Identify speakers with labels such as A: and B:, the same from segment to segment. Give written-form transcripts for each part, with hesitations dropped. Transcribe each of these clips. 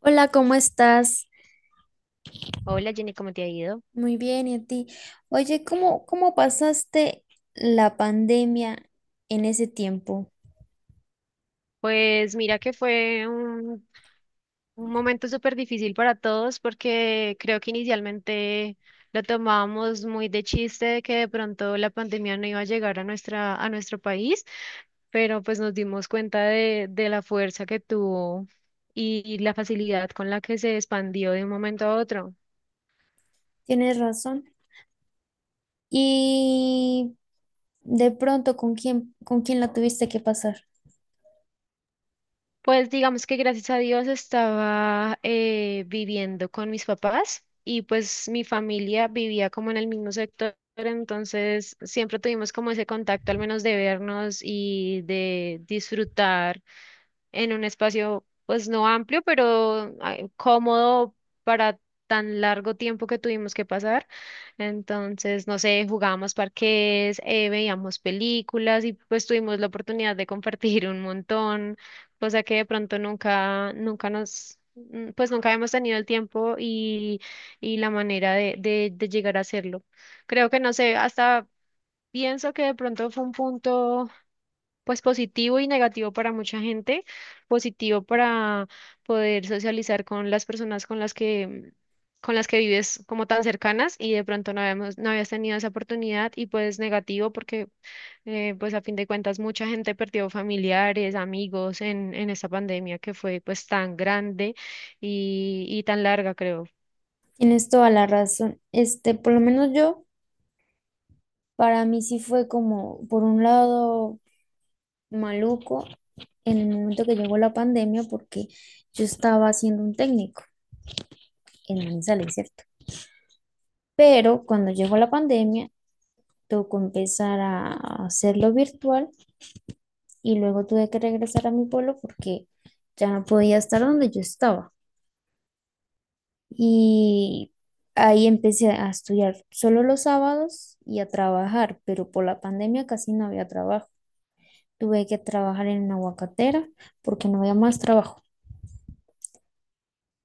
A: Hola, ¿cómo estás?
B: Hola Jenny, ¿cómo te ha ido?
A: Muy bien, ¿y a ti? Oye, ¿cómo pasaste la pandemia en ese tiempo?
B: Pues mira que fue un momento súper difícil para todos porque creo que inicialmente lo tomábamos muy de chiste de que de pronto la pandemia no iba a llegar a nuestro país, pero pues nos dimos cuenta de la fuerza que tuvo y la facilidad con la que se expandió de un momento a otro.
A: Tienes razón. Y de pronto, ¿con quién la tuviste que pasar?
B: Pues digamos que gracias a Dios estaba viviendo con mis papás y pues mi familia vivía como en el mismo sector, entonces siempre tuvimos como ese contacto al menos de vernos y de disfrutar en un espacio pues no amplio, pero cómodo para tan largo tiempo que tuvimos que pasar. Entonces, no sé, jugábamos parqués, veíamos películas y pues tuvimos la oportunidad de compartir un montón, cosa que de pronto nunca, pues nunca hemos tenido el tiempo y la manera de llegar a hacerlo. Creo que no sé, hasta pienso que de pronto fue un punto pues positivo y negativo para mucha gente, positivo para poder socializar con las personas con las que vives como tan cercanas y de pronto no habías tenido esa oportunidad y pues negativo porque pues a fin de cuentas mucha gente perdió familiares, amigos en esta pandemia que fue pues tan grande y tan larga creo.
A: Tienes toda la razón. Este, por lo menos yo, para mí sí fue como, por un lado, maluco en el momento que llegó la pandemia, porque yo estaba haciendo un técnico en Manizales, ¿cierto? Pero cuando llegó la pandemia, tengo que empezar a hacerlo virtual y luego tuve que regresar a mi pueblo porque ya no podía estar donde yo estaba. Y ahí empecé a estudiar solo los sábados y a trabajar, pero por la pandemia casi no había trabajo. Tuve que trabajar en una aguacatera porque no había más trabajo.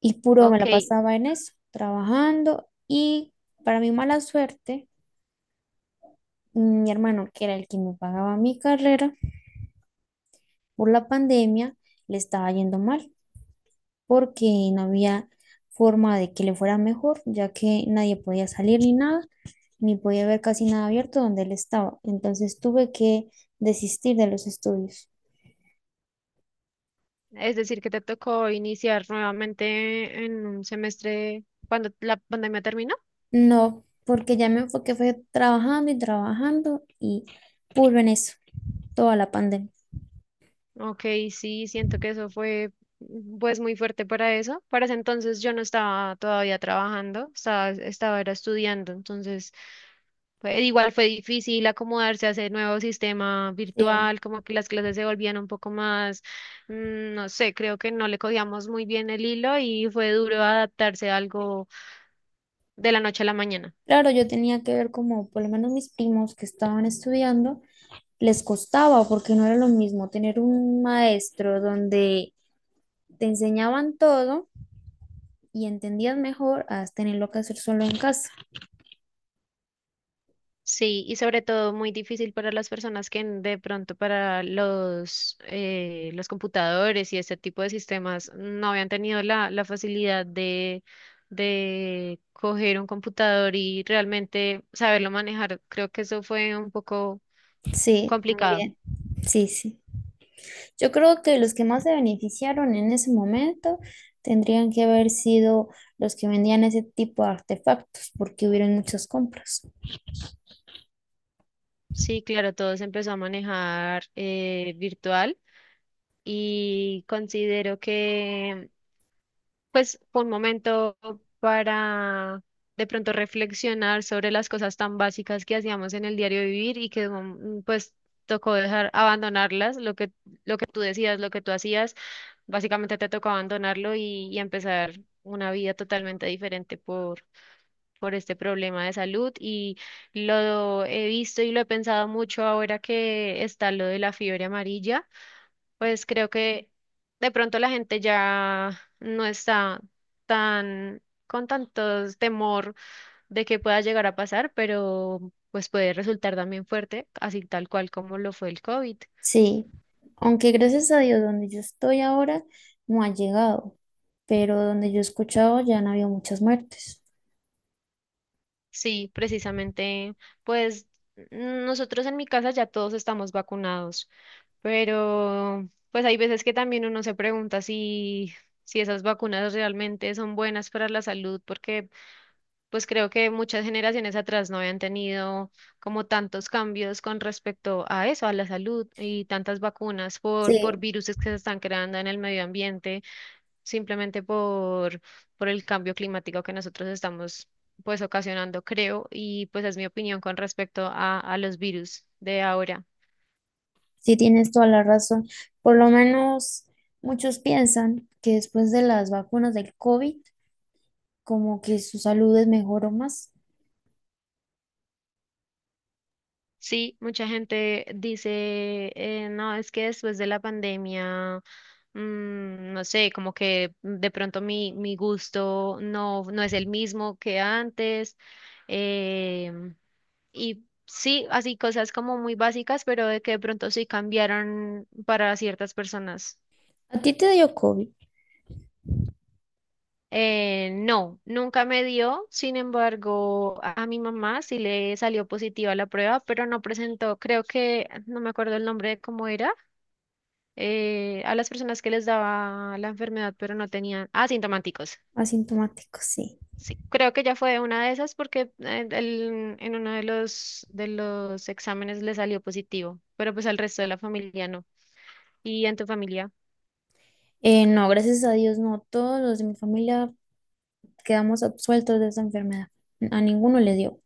A: Y puro me
B: Ok,
A: la pasaba en eso, trabajando. Y para mi mala suerte, mi hermano, que era el que me pagaba mi carrera, por la pandemia le estaba yendo mal, porque no había forma de que le fuera mejor, ya que nadie podía salir ni nada, ni podía ver casi nada abierto donde él estaba. Entonces tuve que desistir de los estudios.
B: es decir que te tocó iniciar nuevamente en un semestre cuando la pandemia terminó.
A: No, porque ya me enfoqué, fue trabajando y trabajando y puro en eso, toda la pandemia.
B: Ok, sí, siento que eso fue pues muy fuerte para eso. Para ese entonces yo no estaba todavía trabajando, estaba era estudiando, entonces pues, igual fue difícil acomodarse a ese nuevo sistema
A: Sí.
B: virtual, como que las clases se volvían un poco más, no sé, creo que no le cogíamos muy bien el hilo y fue duro adaptarse a algo de la noche a la mañana.
A: Claro, yo tenía que ver como por lo menos mis primos que estaban estudiando, les costaba porque no era lo mismo tener un maestro donde te enseñaban todo y entendías mejor a tenerlo que hacer solo en casa.
B: Sí, y sobre todo muy difícil para las personas que de pronto para los computadores y este tipo de sistemas no habían tenido la facilidad de coger un computador y realmente saberlo manejar. Creo que eso fue un poco
A: Sí,
B: complicado.
A: también. Sí, sí. Yo creo que los que más se beneficiaron en ese momento tendrían que haber sido los que vendían ese tipo de artefactos, porque hubieron muchas compras.
B: Sí, claro, todo se empezó a manejar virtual y considero que pues fue un momento para de pronto reflexionar sobre las cosas tan básicas que hacíamos en el diario vivir y que pues tocó dejar abandonarlas, lo que tú decías, lo que tú hacías, básicamente te tocó abandonarlo y empezar una vida totalmente diferente por este problema de salud y lo he visto y lo he pensado mucho ahora que está lo de la fiebre amarilla, pues creo que de pronto la gente ya no está tan con tanto temor de que pueda llegar a pasar, pero pues puede resultar también fuerte, así tal cual como lo fue el COVID.
A: Sí, aunque gracias a Dios, donde yo estoy ahora no ha llegado, pero donde yo he escuchado ya han habido muchas muertes.
B: Sí, precisamente, pues nosotros en mi casa ya todos estamos vacunados. Pero pues hay veces que también uno se pregunta si esas vacunas realmente son buenas para la salud, porque pues creo que muchas generaciones atrás no habían tenido como tantos cambios con respecto a eso, a la salud y tantas vacunas por
A: Sí,
B: virus que se están creando en el medio ambiente, simplemente por el cambio climático que nosotros estamos pues ocasionando, creo, y pues es mi opinión con respecto a los virus de ahora.
A: sí, tienes toda la razón. Por lo menos muchos piensan que después de las vacunas del COVID como que su salud es mejor o más.
B: Sí, mucha gente dice, no, es que después de la pandemia, no sé, como que de pronto mi gusto no es el mismo que antes. em, y sí, así cosas como muy básicas, pero de que de pronto sí cambiaron para ciertas personas.
A: ¿A ti te dio COVID?
B: No, nunca me dio, sin embargo, a mi mamá sí le salió positiva la prueba, pero no presentó, creo que, no me acuerdo el nombre de cómo era a las personas que les daba la enfermedad, pero no tenían asintomáticos.
A: Asintomático, sí.
B: Sí, creo que ya fue una de esas porque en uno de los exámenes le salió positivo, pero pues al resto de la familia no. ¿Y en tu familia?
A: No, gracias a Dios, no. Todos los de mi familia quedamos absueltos de esa enfermedad. A ninguno le dio.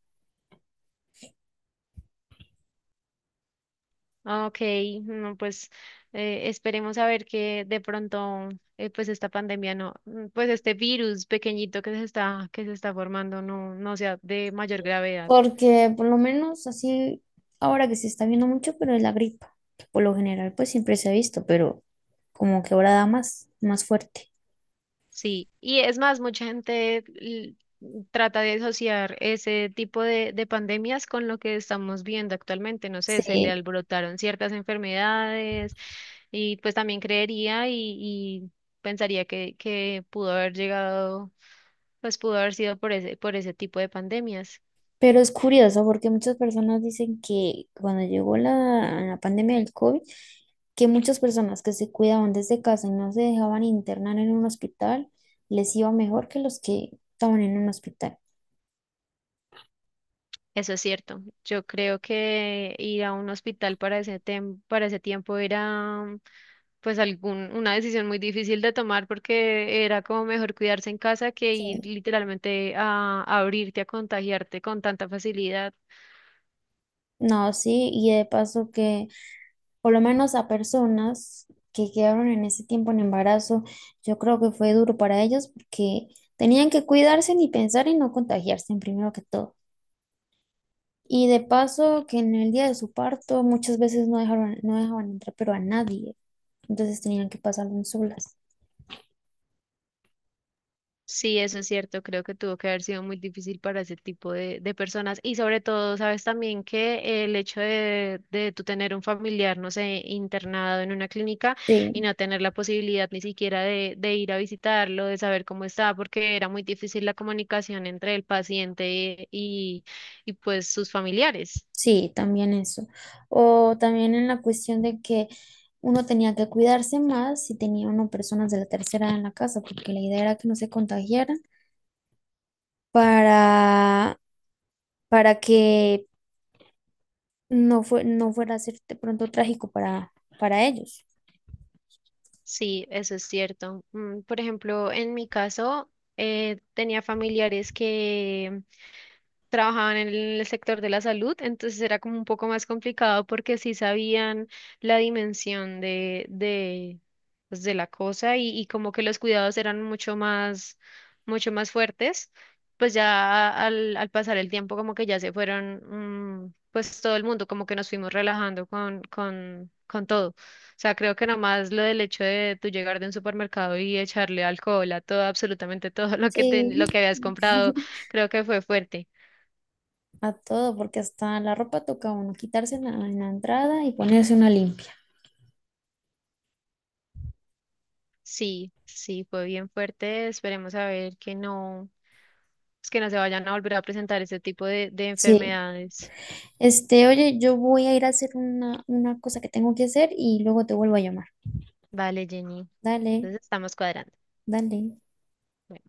B: Ah, Ok, no, pues esperemos a ver que de pronto pues esta pandemia no, pues este virus pequeñito que se está formando no sea de mayor gravedad.
A: Porque por lo menos así, ahora que se está viendo mucho, pero es la gripa, que por lo general, pues siempre se ha visto, pero como que ahora da más, más fuerte.
B: Sí, y es más, mucha gente trata de asociar ese tipo de pandemias con lo que estamos viendo actualmente. No sé, se le
A: Sí,
B: alborotaron ciertas enfermedades y pues también creería y pensaría que pudo haber llegado, pues pudo haber sido por ese tipo de pandemias.
A: pero es curioso porque muchas personas dicen que cuando llegó la pandemia del COVID, que muchas personas que se cuidaban desde casa y no se dejaban internar en un hospital, les iba mejor que los que estaban en un hospital.
B: Eso es cierto. Yo creo que ir a un hospital para ese tiempo era pues una decisión muy difícil de tomar porque era como mejor cuidarse en casa que
A: Sí.
B: ir literalmente a abrirte, a contagiarte con tanta facilidad.
A: No, sí, y de paso que por lo menos a personas que quedaron en ese tiempo en embarazo, yo creo que fue duro para ellos porque tenían que cuidarse ni pensar en no contagiarse, primero que todo. Y de paso, que en el día de su parto muchas veces no dejaban entrar, pero a nadie. Entonces tenían que pasarlo solas.
B: Sí, eso es cierto, creo que tuvo que haber sido muy difícil para ese tipo de personas y sobre todo, sabes también que el hecho de tú tener un familiar, no sé, internado en una clínica y
A: Sí,
B: no tener la posibilidad ni siquiera de ir a visitarlo, de saber cómo está, porque era muy difícil la comunicación entre el paciente y pues sus familiares.
A: sí, también eso. O también en la cuestión de que uno tenía que cuidarse más si tenía uno personas de la tercera edad en la casa, porque la idea era que no se contagiaran para, para que no fuera a ser de pronto trágico para ellos.
B: Sí, eso es cierto. Por ejemplo, en mi caso, tenía familiares que trabajaban en el sector de la salud, entonces era como un poco más complicado porque sí sabían la dimensión pues, de la cosa y como que los cuidados eran mucho más fuertes, pues ya al pasar el tiempo como que ya se fueron, pues todo el mundo como que nos fuimos relajando con todo. O sea, creo que nomás lo del hecho de tú llegar de un supermercado y echarle alcohol a todo, absolutamente todo
A: Sí.
B: lo que habías comprado, creo que fue fuerte.
A: A todo, porque hasta la ropa toca uno quitarse en la entrada y ponerse una limpia.
B: Sí, sí, fue bien fuerte. Esperemos a ver que no, pues que no se vayan a volver a presentar este tipo de
A: Sí.
B: enfermedades.
A: Este, oye, yo voy a ir a hacer una cosa que tengo que hacer y luego te vuelvo a llamar.
B: Vale, Jenny.
A: Dale,
B: Entonces estamos cuadrando.
A: dale.
B: Bueno.